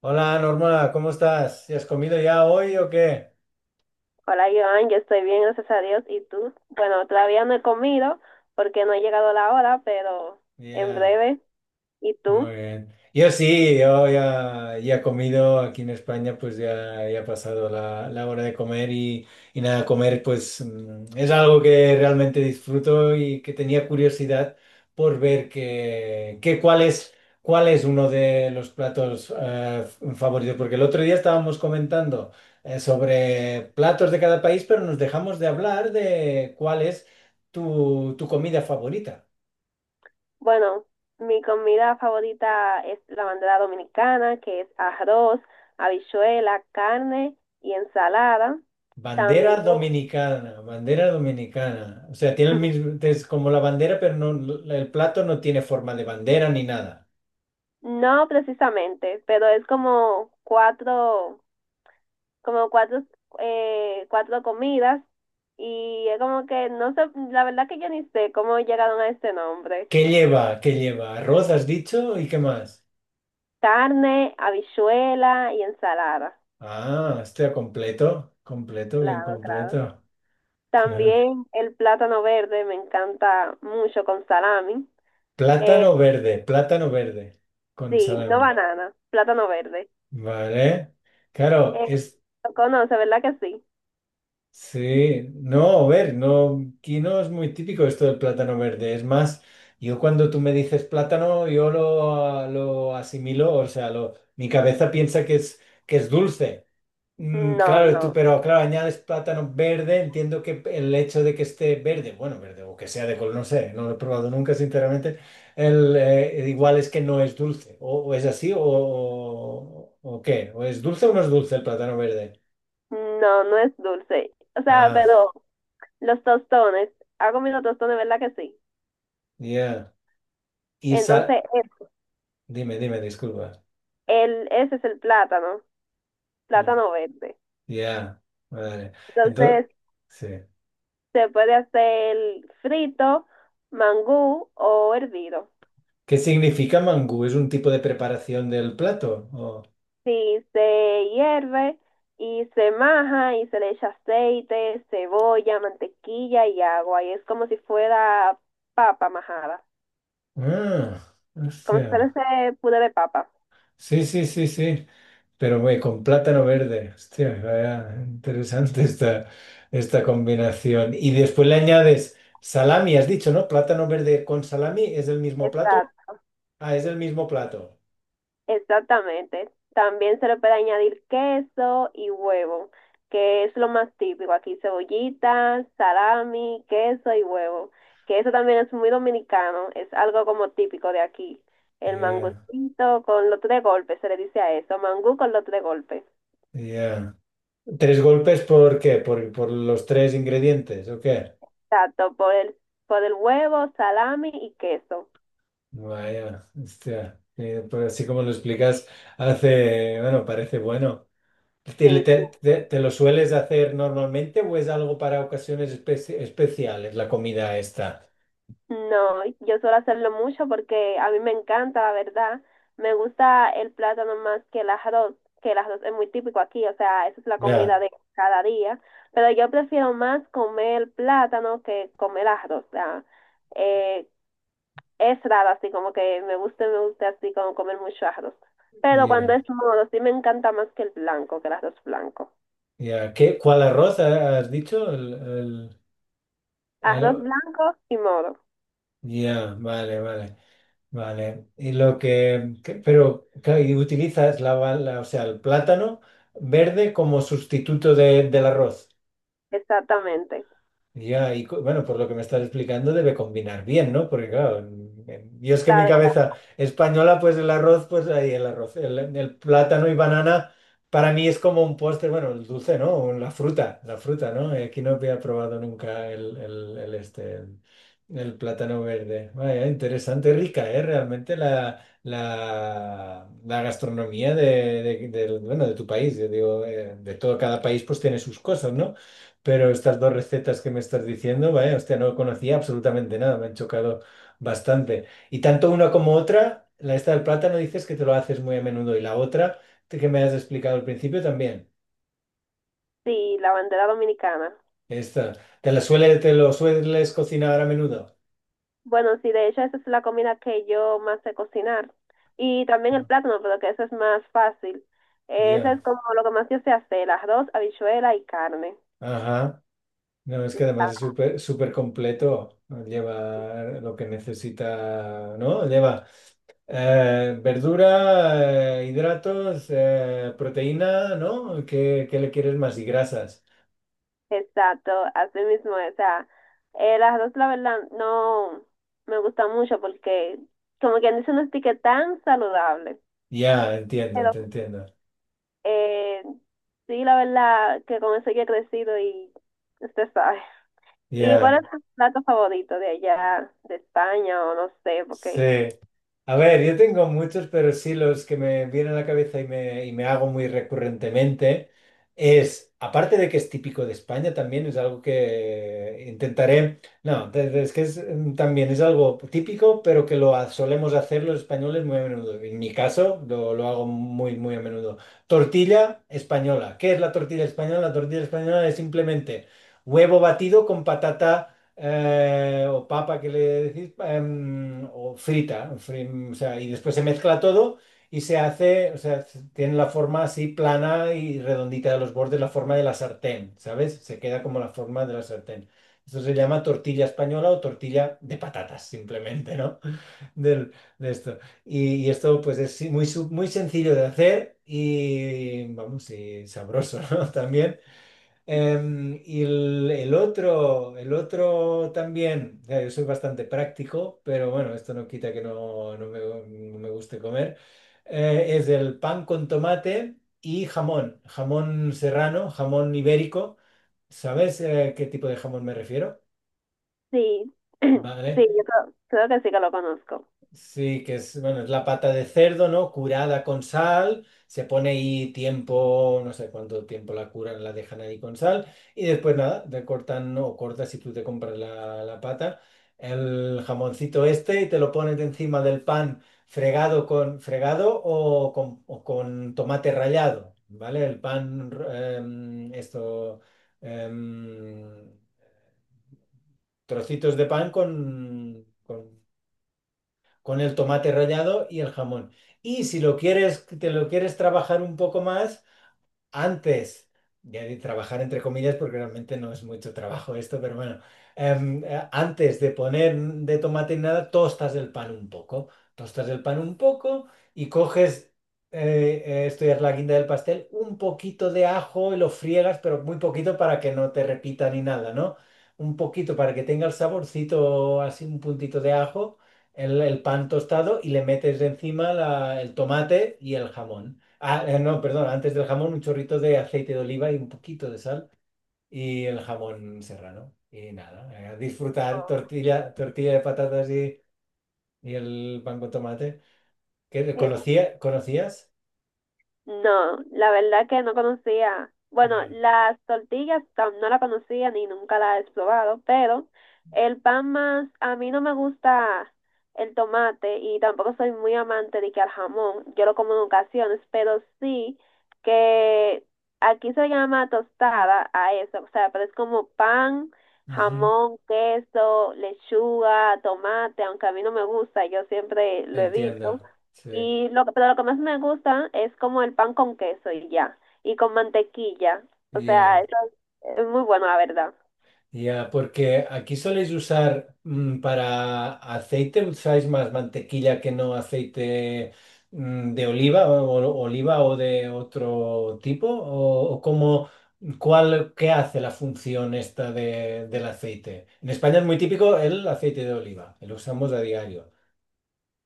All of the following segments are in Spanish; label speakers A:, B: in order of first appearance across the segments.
A: Hola Norma, ¿cómo estás? ¿Y has comido ya hoy o qué?
B: Hola Joan, yo estoy bien, gracias a Dios. ¿Y tú? Bueno, todavía no he comido porque no he llegado la hora, pero en
A: Yeah.
B: breve. ¿Y tú?
A: Muy bien. Yo sí, yo ya he comido aquí en España, pues ya ha pasado la hora de comer y nada, comer pues es algo que realmente disfruto y que tenía curiosidad por ver que cuál es uno de los platos favoritos, porque el otro día estábamos comentando sobre platos de cada país, pero nos dejamos de hablar de cuál es tu comida favorita.
B: Bueno, mi comida favorita es la bandera dominicana, que es arroz, habichuela, carne y ensalada. También,
A: Bandera dominicana, bandera dominicana. O sea, tiene el mismo, es como la bandera, pero el plato no tiene forma de bandera ni nada.
B: no precisamente, pero es como cuatro, cuatro comidas y es como que no sé, la verdad que yo ni sé cómo llegaron a este nombre.
A: ¿Qué lleva? ¿Qué lleva? Arroz,
B: Sí.
A: has dicho, ¿y qué más?
B: Carne, habichuela y ensalada.
A: Ah, está completo, completo, bien
B: Claro, claro.
A: completo. Claro.
B: También el plátano verde me encanta mucho con salami. Eh,
A: Plátano verde con
B: sí, no
A: salami.
B: banana, plátano verde.
A: Vale. Claro,
B: Eh,
A: es
B: lo conoce, ¿verdad que sí?
A: sí, no, a ver, no, aquí no es muy típico esto del plátano verde. Es más, yo cuando tú me dices plátano, yo lo asimilo, o sea, lo, mi cabeza piensa que es dulce. Mm,
B: No,
A: claro, tú,
B: no,
A: pero claro, añades plátano verde, entiendo que el hecho de que esté verde, bueno, verde, o que sea de color, no sé, no lo he probado nunca, sinceramente, igual es que no es dulce, o es así, o qué, o es dulce o no es dulce el plátano verde.
B: no, no es dulce. O sea,
A: Ah,
B: pero los tostones, ha comido tostones, ¿verdad que sí?
A: ya. Y
B: Entonces,
A: sal. Dime, dime, disculpa.
B: ese es el plátano,
A: Mm,
B: plátano verde.
A: ya, vale. Entonces,
B: Entonces,
A: sí.
B: se puede hacer frito, mangú o hervido.
A: ¿Qué significa mangú? ¿Es un tipo de preparación del plato? O-
B: Sí, se hierve y se maja y se le echa aceite, cebolla, mantequilla y agua. Y es como si fuera papa majada,
A: Ah,
B: como si fuera
A: hostia.
B: ese puré de papa.
A: Sí, sí, sí, sí. Pero güey, con plátano verde. Hostia, vaya, interesante esta, esta combinación. Y después le añades salami, has dicho, ¿no? Plátano verde con salami, ¿es el mismo plato?
B: Exacto.
A: Ah, es el mismo plato.
B: Exactamente. También se le puede añadir queso y huevo, que es lo más típico. Aquí cebollitas, salami, queso y huevo, que eso también es muy dominicano, es algo como típico de aquí. El
A: Yeah,
B: mangucito con los tres golpes, se le dice a eso, mangú con los tres golpes.
A: yeah. ¿Tres golpes por qué? Por los tres ingredientes o qué?
B: Exacto, por el huevo, salami y queso.
A: Vaya, hostia. Pero así como lo explicas, hace, bueno, parece bueno. ¿Te,
B: Sí, sí.
A: te- te- te lo sueles hacer normalmente o es algo para ocasiones especiales, la comida esta?
B: No, yo suelo hacerlo mucho porque a mí me encanta, la verdad. Me gusta el plátano más que el arroz es muy típico aquí, o sea, esa es la comida
A: Ya,
B: de cada día. Pero yo prefiero más comer plátano que comer arroz. O sea, eh, es raro así, como que me gusta así como comer mucho arroz. Pero cuando
A: ya,
B: es moro, sí me encanta más que el blanco, que el arroz blanco.
A: ya. ¿Qué, cuál arroz has dicho? El-
B: Arroz
A: aro-
B: blanco y moro,
A: Ya, vale, vale, vale. Y lo que- pero, claro, y utilizas o sea, el plátano verde como sustituto del arroz.
B: exactamente.
A: Ya, y co- bueno, por lo que me estás explicando debe combinar bien, ¿no? Porque claro, en- yo es que en mi
B: La,
A: cabeza española, pues el arroz, pues ahí el arroz, el plátano y banana, para mí es como un postre, bueno, el dulce, ¿no? O la fruta, la fruta, ¿no? Aquí no había probado nunca el este, el plátano verde. Vaya, interesante, rica, ¿eh? Realmente la gastronomía bueno, de tu país, yo digo, de todo, cada país pues tiene sus cosas, ¿no? Pero estas dos recetas que me estás diciendo, vaya, hostia, no conocía absolutamente nada, me han chocado bastante. Y tanto una como otra, la esta del plátano dices que te lo haces muy a menudo y la otra que me has explicado al principio también.
B: sí, la bandera dominicana.
A: Esta, ¿te la suele, te lo sueles cocinar a menudo?
B: Bueno, sí, de hecho esa es la comida que yo más sé cocinar. Y también el
A: No.
B: plátano, pero que eso es más fácil. Eso
A: Ya,
B: es como lo que más yo sé hacer, arroz, habichuela y carne.
A: ajá. No, es que además es
B: Exacto.
A: súper súper completo, lleva lo que necesita, ¿no? Lleva eh, verdura, hidratos, proteína, ¿no? ¿Qué, qué le quieres más? Y grasas.
B: Exacto, así mismo. O sea, el arroz la verdad no me gusta mucho porque como quien dice no es que tan saludable.
A: Ya, entiendo,
B: Pero
A: te entiendo.
B: eh, sí, la verdad que con eso yo he crecido y usted sabe. ¿Y cuál
A: Ya,
B: es tu plato favorito de allá, de España o no sé,
A: sí.
B: porque...
A: A ver, yo tengo muchos, pero sí los que me vienen a la cabeza y me hago muy recurrentemente es, aparte de que es típico de España, también es algo que intentaré, no, de- es que es, también es algo típico, pero que lo solemos hacer los españoles muy a menudo. En mi caso, lo hago muy, muy a menudo. Tortilla española. ¿Qué es la tortilla española? La tortilla española es simplemente huevo batido con patata o papa que le decís, em, o frita, fri- o sea, y después se mezcla todo y se hace, o sea, tiene la forma así plana y redondita de los bordes, la forma de la sartén, ¿sabes? Se queda como la forma de la sartén. Esto se llama tortilla española o tortilla de patatas, simplemente, ¿no? Del- de esto. Y esto, pues, es sí, muy, su- muy sencillo de hacer y, vamos, y sabroso, ¿no? También. Em, y el otro, el otro también, o yo soy bastante práctico, pero bueno, esto no quita que no me guste comer, eh, es el pan con tomate y jamón, jamón serrano, jamón ibérico. ¿Sabes, qué tipo de jamón me refiero?
B: Sí, sí,
A: Vale.
B: yo creo, creo que sí que lo conozco.
A: Sí, que es, bueno, es la pata de cerdo, ¿no? Curada con sal, se pone ahí tiempo, no sé cuánto tiempo la curan, la dejan ahí con sal, y después nada, te cortan o cortas si tú te compras la pata, el jamoncito este y te lo pones encima del pan fregado con fregado o con tomate rallado, ¿vale? El pan, em, esto, em, trocitos de pan con el tomate rallado y el jamón. Y si lo quieres, te lo quieres trabajar un poco más, antes ya de trabajar entre comillas, porque realmente no es mucho trabajo esto, pero bueno, em, antes de poner de tomate y nada, tostas el pan un poco, tostas el pan un poco y coges, esto ya es la guinda del pastel, un poquito de ajo y lo friegas, pero muy poquito para que no te repita ni nada, ¿no? Un poquito para que tenga el saborcito, así un puntito de ajo, el pan tostado y le metes encima el tomate y el jamón. Ah, no, perdón, antes del jamón un chorrito de aceite de oliva y un poquito de sal y el jamón serrano. Y nada, a disfrutar
B: Oh,
A: tortilla, tortilla de patatas y el pan con tomate. ¿Qué,
B: en
A: conocía, conocías?
B: no, la verdad que no conocía. Bueno,
A: Eh,
B: las tortillas no la conocía ni nunca la he probado, pero el pan más, a mí no me gusta el tomate y tampoco soy muy amante de que al jamón, yo lo como en ocasiones, pero sí que aquí se llama tostada a eso, o sea, pero es como pan,
A: ujú,
B: jamón, queso, lechuga, tomate, aunque a mí no me gusta, yo siempre lo
A: entiendo,
B: evito.
A: sí.
B: Y lo que, pero lo que más me gusta es como el pan con queso y ya, y con mantequilla. O sea, eso es muy bueno, la verdad.
A: Ya, porque aquí soléis usar para aceite, usáis más mantequilla que no aceite de oliva o, oliva o de otro tipo, o cómo, cuál, qué hace la función esta del aceite. En España es muy típico el aceite de oliva, lo usamos a diario,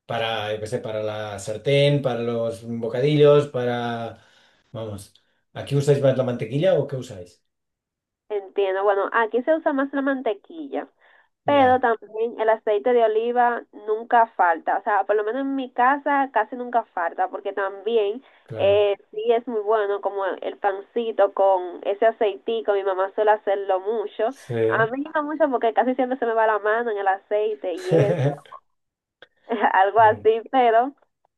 A: para, yo qué sé, para la sartén, para los bocadillos, para, vamos, ¿aquí usáis más la mantequilla o qué usáis?
B: Entiendo. Bueno, aquí se usa más la mantequilla, pero
A: Ya,
B: también el aceite de oliva nunca falta. O sea, por lo menos en mi casa casi nunca falta, porque también
A: claro,
B: sí es muy bueno como el pancito con ese aceitico. Mi mamá suele hacerlo mucho.
A: sí.
B: A mí no mucho porque casi siempre se me va la mano en el aceite y eso, algo
A: Bien.
B: así, pero...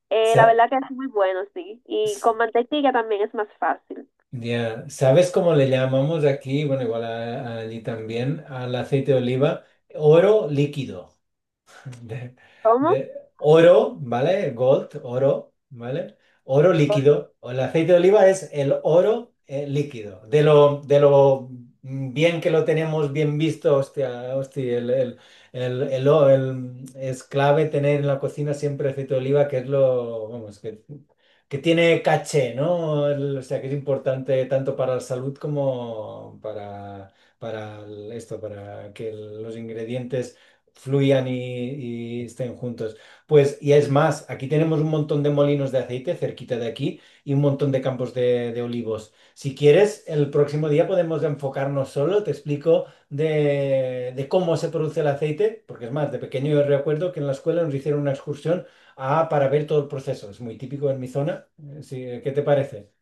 B: La
A: Sa-
B: verdad que es muy bueno, sí. Y
A: s-
B: con mantequilla también es más fácil.
A: ya, ¿sabes cómo le llamamos aquí? Bueno, igual allí también, al aceite de oliva, oro líquido. de,
B: ¿Cómo?
A: de oro, ¿vale? Gold, oro, ¿vale? Oro
B: Pues
A: líquido. O el aceite de oliva es el oro líquido. De lo bien que lo tenemos bien visto, hostia, hostia, el es clave tener en la cocina siempre aceite de oliva, que es lo, vamos, que tiene caché, ¿no? El- o sea, que es importante tanto para la salud como para esto, para que los ingredientes fluyan y estén juntos. Pues, y es más, aquí tenemos un montón de molinos de aceite cerquita de aquí y un montón de campos de olivos. Si quieres, el próximo día podemos enfocarnos solo, te explico de cómo se produce el aceite, porque es más, de pequeño yo recuerdo que en la escuela nos hicieron una excursión para ver todo el proceso. Es muy típico en mi zona. Sí, ¿qué te parece?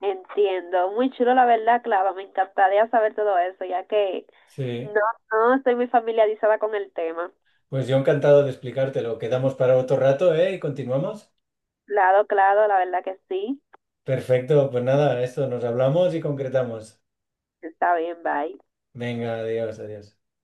B: entiendo. Muy chulo, la verdad, Clava. Me encantaría saber todo eso, ya que no,
A: Sí,
B: no estoy muy familiarizada con el tema.
A: pues yo encantado de explicártelo. Quedamos para otro rato, ¿eh? Y continuamos.
B: Claro, claro, la verdad que sí.
A: Perfecto, pues nada, esto nos hablamos y concretamos.
B: Está bien, bye.
A: Venga, adiós, adiós.